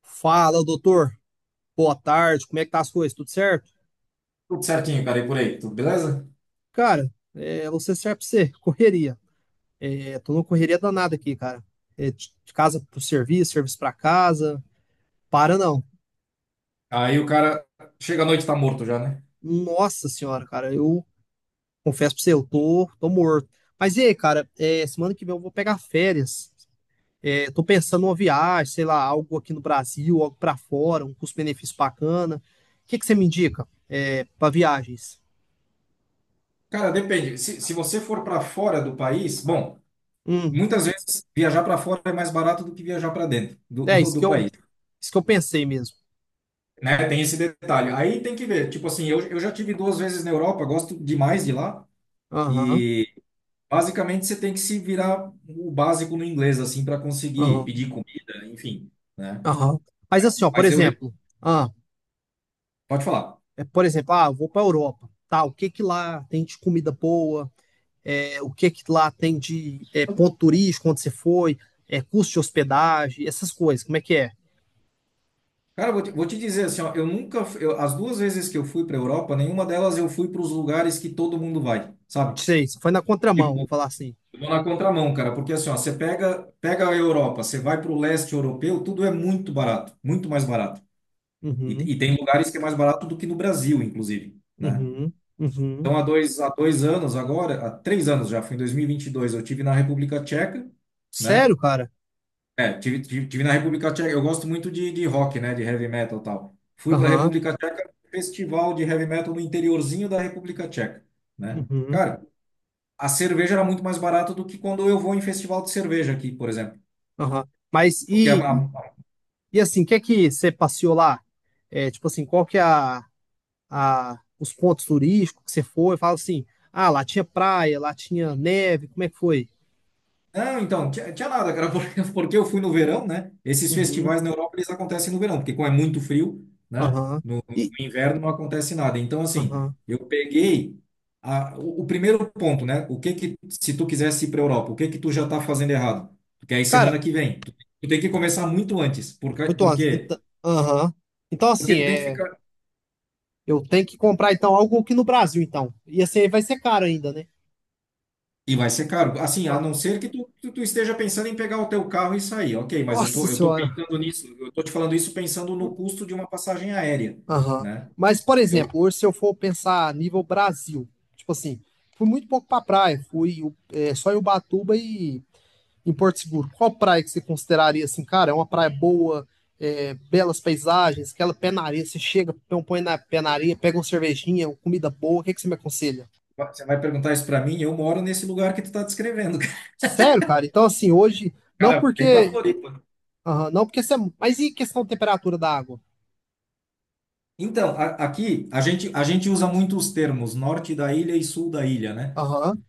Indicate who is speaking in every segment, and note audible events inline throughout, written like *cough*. Speaker 1: Fala, doutor. Boa tarde. Como é que tá as coisas? Tudo certo?
Speaker 2: Tudo certinho, cara, e por aí, tudo beleza?
Speaker 1: Cara, você serve pra você. Correria. É, tô numa correria danada aqui, cara. É, de casa pro serviço, serviço pra casa. Para não.
Speaker 2: Aí o cara chega à noite tá morto já, né?
Speaker 1: Nossa senhora, cara. Eu confesso pra você, eu tô morto. Mas e aí, cara? É, semana que vem eu vou pegar férias. É, tô pensando numa viagem, sei lá, algo aqui no Brasil, algo pra fora, um custo-benefício bacana. O que que você me indica, pra viagens?
Speaker 2: Cara, depende. Se você for para fora do país, bom,
Speaker 1: Hum.
Speaker 2: muitas vezes viajar para fora é mais barato do que viajar para dentro do,
Speaker 1: É
Speaker 2: do,
Speaker 1: isso que
Speaker 2: do
Speaker 1: eu,
Speaker 2: país,
Speaker 1: isso que eu pensei mesmo.
Speaker 2: né? Tem esse detalhe. Aí tem que ver. Tipo assim, eu já tive duas vezes na Europa, gosto demais de lá
Speaker 1: Aham,
Speaker 2: e basicamente você tem que se virar o básico no inglês assim para conseguir
Speaker 1: aham,
Speaker 2: pedir comida, enfim, né?
Speaker 1: aham. Mas assim, ó,
Speaker 2: Mas eu re-
Speaker 1: ah,
Speaker 2: Pode falar.
Speaker 1: por exemplo, eu vou para Europa, tá? O que que lá tem de comida boa? É, o que que lá tem de ponto turístico onde você foi? É, custo de hospedagem, essas coisas, como é que é?
Speaker 2: Cara, vou te dizer assim, ó, eu nunca, fu- eu- as duas vezes que eu fui para Europa, nenhuma delas eu fui para os lugares que todo mundo vai, sabe?
Speaker 1: Sei, você foi na contramão,
Speaker 2: Tipo,
Speaker 1: vamos falar assim.
Speaker 2: eu vou na contramão, cara, porque assim, ó, você pega a Europa, você vai para o leste europeu, tudo é muito barato, muito mais barato. E,
Speaker 1: Uhum,
Speaker 2: e tem lugares que é mais barato do que no Brasil, inclusive, né?
Speaker 1: uhum, uhum.
Speaker 2: Então, há dois anos agora, há 3 anos já, foi em 2022, eu tive na República Tcheca, né?
Speaker 1: Sério, cara?
Speaker 2: É, tive na República Tcheca. Eu gosto muito de rock, né? De heavy metal e tal. Fui para a
Speaker 1: Aham,
Speaker 2: República Tcheca, festival de heavy metal no interiorzinho da República Tcheca, né?
Speaker 1: uhum,
Speaker 2: Cara, a cerveja era muito mais barata do que quando eu vou em festival de cerveja aqui, por exemplo.
Speaker 1: aham. Mas
Speaker 2: Porque a
Speaker 1: e assim, o que é que você passeou lá? É, tipo assim, qual que é os pontos turísticos que você foi? Fala assim, ah, lá tinha praia, lá tinha neve, como é que foi?
Speaker 2: Não, então, tinha nada, cara, *laughs* porque eu fui no verão, né? Esses
Speaker 1: Uhum,
Speaker 2: festivais na Europa, eles acontecem no verão, porque como é muito frio, né?
Speaker 1: aham.
Speaker 2: No
Speaker 1: E,
Speaker 2: inverno não acontece nada. Então, assim,
Speaker 1: aham.
Speaker 2: eu peguei o primeiro ponto, né? O que que, se tu quisesse ir para a Europa, o que que tu já tá fazendo errado? Porque aí semana
Speaker 1: Cara,
Speaker 2: que vem, tu tem que começar muito antes, porque,
Speaker 1: muito antes.
Speaker 2: porque,
Speaker 1: Então, aham. Então,
Speaker 2: porque
Speaker 1: assim,
Speaker 2: tu tem que ficar.
Speaker 1: eu tenho que comprar, então, algo aqui no Brasil, então. E assim, vai ser caro ainda, né?
Speaker 2: E vai ser caro. Assim, a não
Speaker 1: Aham.
Speaker 2: ser que tu esteja pensando em pegar o teu carro e sair, ok, mas eu tô,
Speaker 1: Nossa
Speaker 2: eu tô
Speaker 1: senhora.
Speaker 2: pensando nisso, eu tô te falando isso pensando no custo de uma passagem aérea,
Speaker 1: Aham.
Speaker 2: né?
Speaker 1: Mas, por
Speaker 2: Eu,
Speaker 1: exemplo, hoje se eu for pensar a nível Brasil, tipo assim, fui muito pouco pra praia, fui só em Ubatuba e em Porto Seguro, qual praia que você consideraria assim, cara, é uma praia boa, belas paisagens, aquela pé na areia, você chega, põe na pé na areia, pega uma cervejinha, uma comida boa, o que, é que você me aconselha?
Speaker 2: você vai perguntar isso para mim, eu moro nesse lugar que tu tá descrevendo, *laughs*
Speaker 1: Sério, cara, então assim, hoje, não
Speaker 2: cara, vem para
Speaker 1: porque,
Speaker 2: Floripa.
Speaker 1: aham, não porque você, mas e questão de temperatura da água?
Speaker 2: Então, aqui a gente usa muito os termos norte da ilha e sul da ilha, né?
Speaker 1: Aham,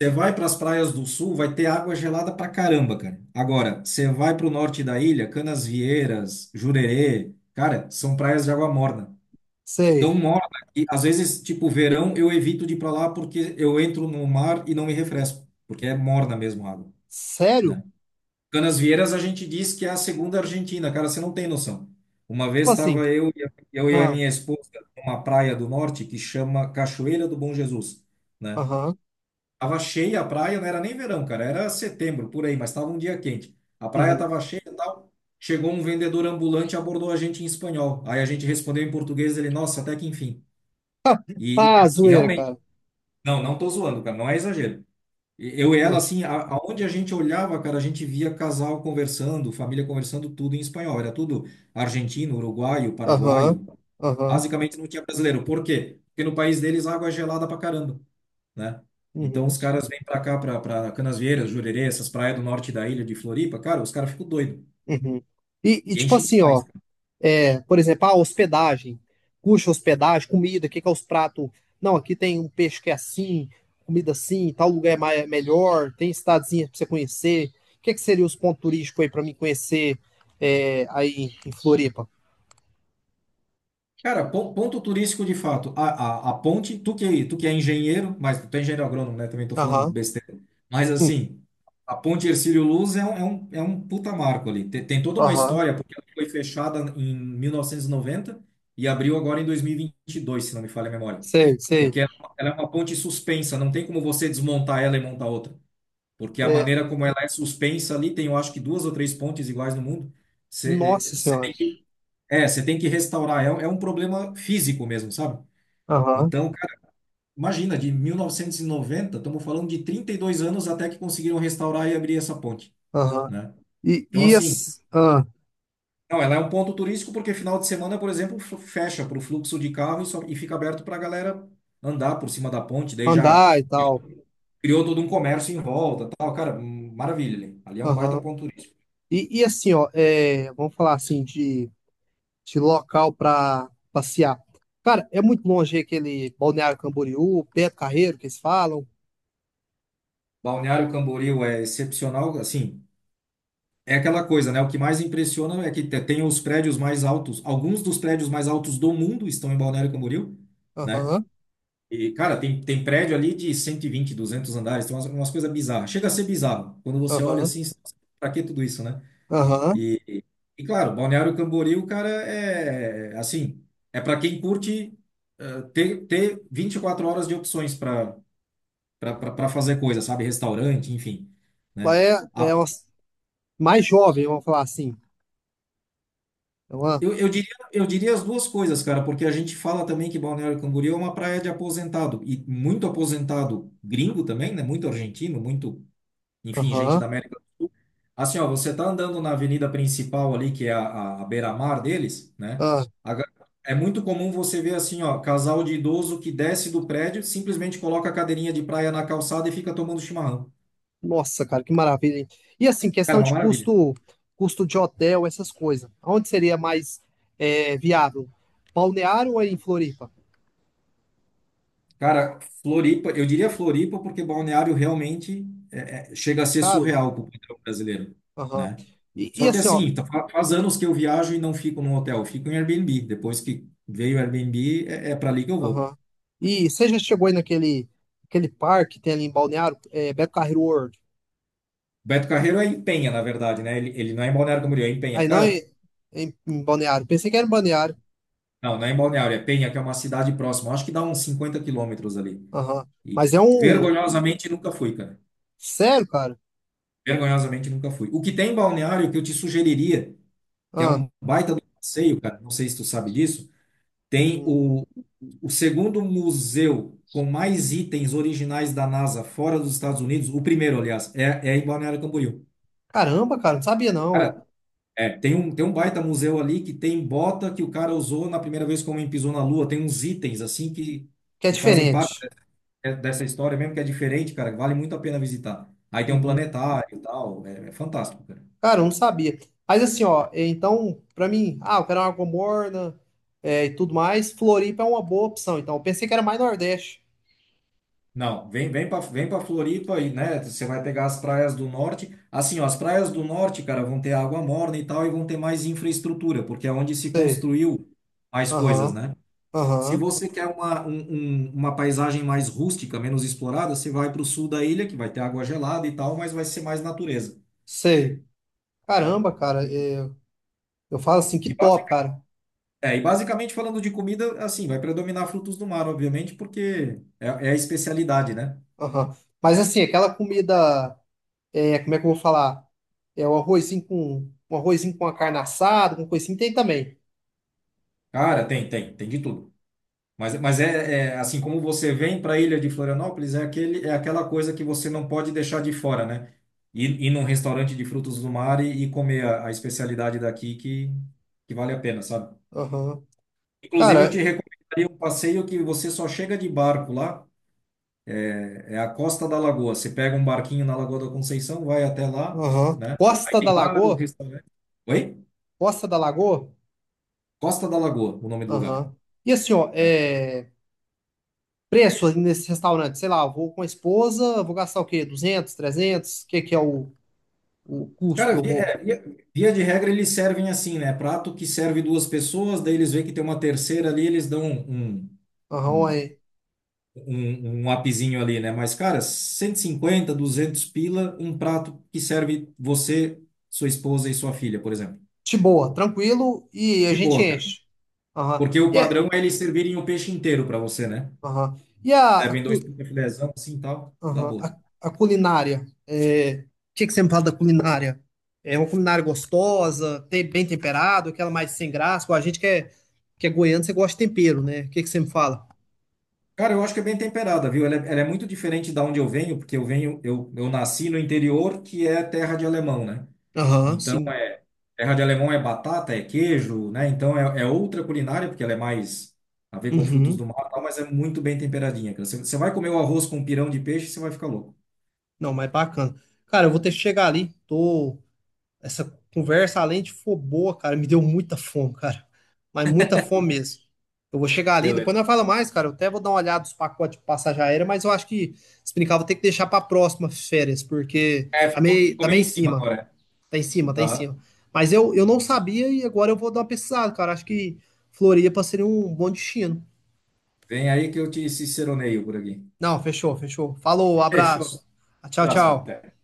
Speaker 2: Você vai para as praias do sul, vai ter água gelada pra caramba, cara. Agora, você vai para o norte da ilha, Canasvieiras, Jurerê, cara, são praias de água morna. Tão
Speaker 1: sei.
Speaker 2: morna que às vezes, tipo, verão eu evito de ir para lá porque eu entro no mar e não me refresco, porque é morna mesmo a água,
Speaker 1: Sério?
Speaker 2: né? Canasvieiras a gente diz que é a segunda Argentina, cara, você não tem noção. Uma vez
Speaker 1: Tipo assim,
Speaker 2: estava eu e a
Speaker 1: ah,
Speaker 2: minha esposa numa praia do norte que chama Cachoeira do Bom Jesus, né?
Speaker 1: aham,
Speaker 2: Tava cheia a praia, não era nem verão, cara, era setembro por aí, mas estava um dia quente. A praia
Speaker 1: uhum.
Speaker 2: tava cheia e tal. Chegou um vendedor ambulante e abordou a gente em espanhol. Aí a gente respondeu em português, ele, nossa, até que enfim. E,
Speaker 1: Ah,
Speaker 2: e
Speaker 1: zoeira,
Speaker 2: realmente,
Speaker 1: cara.
Speaker 2: não, não tô zoando, cara, não é exagero. Eu e ela,
Speaker 1: Ah,
Speaker 2: assim, aonde a gente olhava, cara, a gente via casal conversando, família conversando, tudo em espanhol. Era tudo argentino, uruguaio,
Speaker 1: aham,
Speaker 2: paraguaio.
Speaker 1: aham,
Speaker 2: Basicamente não tinha brasileiro. Por quê? Porque no país deles a água é gelada pra caramba, né? Então
Speaker 1: uhum,
Speaker 2: os caras vêm pra cá, pra Canasvieiras, Jurerê, essas praias do norte da ilha de Floripa, cara, os caras ficam doidos.
Speaker 1: uhum. E
Speaker 2: E
Speaker 1: tipo
Speaker 2: enchem
Speaker 1: assim, ó.
Speaker 2: demais.
Speaker 1: É, por exemplo, a hospedagem. Custa hospedagem, comida, o que que é os pratos? Não, aqui tem um peixe que é assim, comida assim, tal lugar é melhor, tem cidadezinha para você conhecer. O que que seria os pontos turísticos aí para mim conhecer aí em Floripa?
Speaker 2: Cara, ponto turístico de fato. A ponte, tu que é engenheiro, mas tu é engenheiro agrônomo, né? Também tô falando
Speaker 1: Aham,
Speaker 2: besteira. Mas
Speaker 1: hum,
Speaker 2: assim, a ponte Hercílio Luz é um puta marco ali. Tem toda uma
Speaker 1: aham,
Speaker 2: história, porque ela foi fechada em 1990 e noventa e abriu agora em 2022, se não me falha a memória.
Speaker 1: sei, sei.
Speaker 2: Porque ela é uma ponte suspensa, não tem como você desmontar ela e montar outra. Porque a
Speaker 1: É,
Speaker 2: maneira como ela é suspensa ali, tem eu acho que duas ou três pontes iguais no mundo. Você
Speaker 1: nossa senhora.
Speaker 2: você tem que restaurar. É um problema físico mesmo, sabe?
Speaker 1: Aham,
Speaker 2: Então, cara, imagina, de 1990, estamos falando de 32 anos até que conseguiram restaurar e abrir essa ponte,
Speaker 1: aham.
Speaker 2: né?
Speaker 1: E,
Speaker 2: Então,
Speaker 1: e
Speaker 2: assim,
Speaker 1: as- ah,
Speaker 2: não, ela é um ponto turístico porque final de semana, por exemplo, fecha para o fluxo de carro e fica aberto para a galera andar por cima da ponte. Daí já
Speaker 1: andar e tal.
Speaker 2: criou todo um comércio em volta, tal. Cara, maravilha ali. Ali é um baita
Speaker 1: Aham.
Speaker 2: ponto turístico.
Speaker 1: E assim, ó, vamos falar assim de local para passear. Cara, é muito longe aquele Balneário Camboriú, Beto Carreiro, que eles falam.
Speaker 2: Balneário Camboriú é excepcional, assim. É aquela coisa, né? O que mais impressiona é que tem os prédios mais altos, alguns dos prédios mais altos do mundo estão em Balneário Camboriú, né?
Speaker 1: Aham,
Speaker 2: E, cara, tem prédio ali de 120, 200 andares, tem umas coisas bizarras. Chega a ser bizarro. Quando você olha
Speaker 1: aham,
Speaker 2: assim, você fala, assim, pra que tudo isso, né?
Speaker 1: aham.
Speaker 2: E, e, e, claro, Balneário Camboriú, cara, é assim, é para quem curte ter 24 horas de opções para fazer coisa, sabe? Restaurante, enfim,
Speaker 1: Lá
Speaker 2: né?
Speaker 1: é
Speaker 2: A
Speaker 1: uma, mais jovem, vamos falar assim. É uma-
Speaker 2: Eu diria, eu diria as duas coisas, cara, porque a gente fala também que Balneário Camboriú é uma praia de aposentado, e muito aposentado gringo também, né? Muito argentino, muito, enfim, gente
Speaker 1: Aham,
Speaker 2: da América do Sul. Assim, ó, você tá andando na avenida principal ali, que é a beira-mar deles, né?
Speaker 1: ah.
Speaker 2: A ga- É muito comum você ver assim, ó, casal de idoso que desce do prédio, simplesmente coloca a cadeirinha de praia na calçada e fica tomando chimarrão.
Speaker 1: Nossa, cara, que maravilha, hein? E assim,
Speaker 2: Cara,
Speaker 1: questão
Speaker 2: é uma
Speaker 1: de
Speaker 2: maravilha.
Speaker 1: custo, custo de hotel, essas coisas. Onde seria mais viável? Balneário ou é em Floripa?
Speaker 2: Cara, Floripa, eu diria Floripa porque Balneário realmente chega a
Speaker 1: É
Speaker 2: ser
Speaker 1: caro?
Speaker 2: surreal para o padrão brasileiro,
Speaker 1: Aham.
Speaker 2: né?
Speaker 1: E
Speaker 2: Só que
Speaker 1: assim, ó.
Speaker 2: assim, tá, faz anos que eu viajo e não fico num hotel, eu fico em Airbnb. Depois que veio o Airbnb, é para ali que eu vou.
Speaker 1: Aham. E você já chegou aí naquele aquele parque que tem ali em Balneário? É, Beto Carreiro World.
Speaker 2: Beto Carreiro é em Penha, na verdade, né? Ele não é em Balneário Camboriú, é em Penha.
Speaker 1: Aí não em,
Speaker 2: Cara,
Speaker 1: em, em Balneário. Pensei que era em Balneário.
Speaker 2: não, não é em Balneário, é Penha, que é uma cidade próxima. Acho que dá uns 50 quilômetros ali.
Speaker 1: Aham.
Speaker 2: E
Speaker 1: Mas é um.
Speaker 2: vergonhosamente nunca fui, cara.
Speaker 1: Sério, cara?
Speaker 2: Vergonhosamente nunca fui. O que tem em Balneário que eu te sugeriria, que é
Speaker 1: Ah,
Speaker 2: um baita do passeio, cara. Não sei se tu sabe disso. Tem
Speaker 1: uhum.
Speaker 2: o segundo museu com mais itens originais da NASA fora dos Estados Unidos. O primeiro, aliás, é em Balneário Camboriú.
Speaker 1: Caramba, cara, não sabia não, ué.
Speaker 2: Cara, tem um baita museu ali que tem bota que o cara usou na primeira vez que o homem pisou na Lua. Tem uns itens assim que,
Speaker 1: Que é
Speaker 2: que fazem parte
Speaker 1: diferente.
Speaker 2: dessa história mesmo, que é diferente, cara. Vale muito a pena visitar. Aí tem um
Speaker 1: Uhum.
Speaker 2: planetário e tal. É fantástico, cara.
Speaker 1: Cara, eu não sabia. Mas assim, ó, então, pra mim, ah, eu quero uma água morna e tudo mais. Floripa é uma boa opção. Então, eu pensei que era mais Nordeste.
Speaker 2: Não, vem para Floripa aí, né? Você vai pegar as praias do norte. Assim, ó, as praias do norte, cara, vão ter água morna e tal, e vão ter mais infraestrutura, porque é onde se
Speaker 1: Sei.
Speaker 2: construiu mais coisas,
Speaker 1: Aham,
Speaker 2: né? Se
Speaker 1: aham.
Speaker 2: você quer uma paisagem mais rústica, menos explorada, você vai para o sul da ilha, que vai ter água gelada e tal, mas vai ser mais natureza,
Speaker 1: Sei.
Speaker 2: né?
Speaker 1: Caramba, cara.
Speaker 2: E,
Speaker 1: Eu falo assim, que
Speaker 2: e
Speaker 1: top,
Speaker 2: basic-
Speaker 1: cara.
Speaker 2: e basicamente falando de comida, assim, vai predominar frutos do mar, obviamente, porque é a especialidade, né?
Speaker 1: Aham. Mas assim, aquela comida, como é que eu vou falar? É o um arrozinho com a carne assada, com coisinha, tem também.
Speaker 2: Cara, tem de tudo. Mas é assim como você vem para a ilha de Florianópolis, é aquela coisa que você não pode deixar de fora, né? Ir num restaurante de frutos do mar e comer a especialidade daqui que vale a pena, sabe?
Speaker 1: Aham.
Speaker 2: Inclusive, eu te
Speaker 1: Cara,
Speaker 2: recomendaria um passeio que você só chega de barco lá, é a Costa da Lagoa. Você pega um barquinho na Lagoa da Conceição, vai até lá,
Speaker 1: aham.
Speaker 2: né? Aí
Speaker 1: Costa da
Speaker 2: tem vários
Speaker 1: Lagoa?
Speaker 2: restaurantes. Oi?
Speaker 1: Costa da Lagoa?
Speaker 2: Costa da Lagoa, o nome do lugar.
Speaker 1: Aham. E assim, ó, preço ali nesse restaurante, sei lá, eu vou com a esposa, vou gastar o quê? 200, 300? O que que é o custo
Speaker 2: Cara,
Speaker 1: que eu vou?
Speaker 2: via de regra eles servem assim, né? Prato que serve duas pessoas, daí eles veem que tem uma terceira ali, eles dão um,
Speaker 1: Aham,
Speaker 2: um,
Speaker 1: é
Speaker 2: um upzinho ali, né? Mas, cara, 150, 200 pila, um prato que serve você, sua esposa e sua filha, por exemplo.
Speaker 1: de boa, tranquilo, e a
Speaker 2: De
Speaker 1: gente
Speaker 2: boa, cara.
Speaker 1: enche. Aham.
Speaker 2: Porque o padrão é eles servirem o peixe inteiro para você, né?
Speaker 1: Aham. E a, a
Speaker 2: Servem dois
Speaker 1: cu-
Speaker 2: filézão assim e tal, dá
Speaker 1: Aham.
Speaker 2: boa.
Speaker 1: A culinária. O que que você me fala da culinária? É uma culinária gostosa, bem temperado, aquela mais sem graça. Pô, a gente que é goiano, você gosta de tempero, né? O que que você me fala?
Speaker 2: Cara, eu acho que é bem temperada, viu? Ela é muito diferente da onde eu venho, porque eu venho, eu nasci no interior, que é terra de alemão, né?
Speaker 1: Aham,
Speaker 2: Então,
Speaker 1: sim.
Speaker 2: terra de alemão é batata, é queijo, né? Então é outra culinária, porque ela é mais a ver com frutos do
Speaker 1: Uhum.
Speaker 2: mar, e tal, mas é muito bem temperadinha, cara. Você vai comer o arroz com pirão de peixe, você vai ficar louco.
Speaker 1: Não, mas bacana. Cara, eu vou ter que chegar ali. Essa conversa, além de for boa, cara, me deu muita fome, cara. Mas muita fome mesmo. Eu vou chegar ali, depois não
Speaker 2: Beleza.
Speaker 1: fala mais, cara. Eu até vou dar uma olhada nos pacotes de passagem aérea, mas eu acho que se brincar, vou ter que deixar pra próxima férias, porque
Speaker 2: É,
Speaker 1: tá
Speaker 2: ficou,
Speaker 1: meio,
Speaker 2: ficou
Speaker 1: tá
Speaker 2: meio
Speaker 1: meio
Speaker 2: em
Speaker 1: em
Speaker 2: cima
Speaker 1: cima.
Speaker 2: agora.
Speaker 1: Tá em cima, tá em
Speaker 2: Aham.
Speaker 1: cima. Mas eu não sabia e agora eu vou dar uma pesquisada, cara. Acho que Floripa seria um bom destino.
Speaker 2: Vem aí que eu te ciceroneio por aqui.
Speaker 1: Não, fechou, fechou. Falou,
Speaker 2: Fechou.
Speaker 1: abraço. Tchau,
Speaker 2: Abraço, cara.
Speaker 1: tchau.
Speaker 2: Até.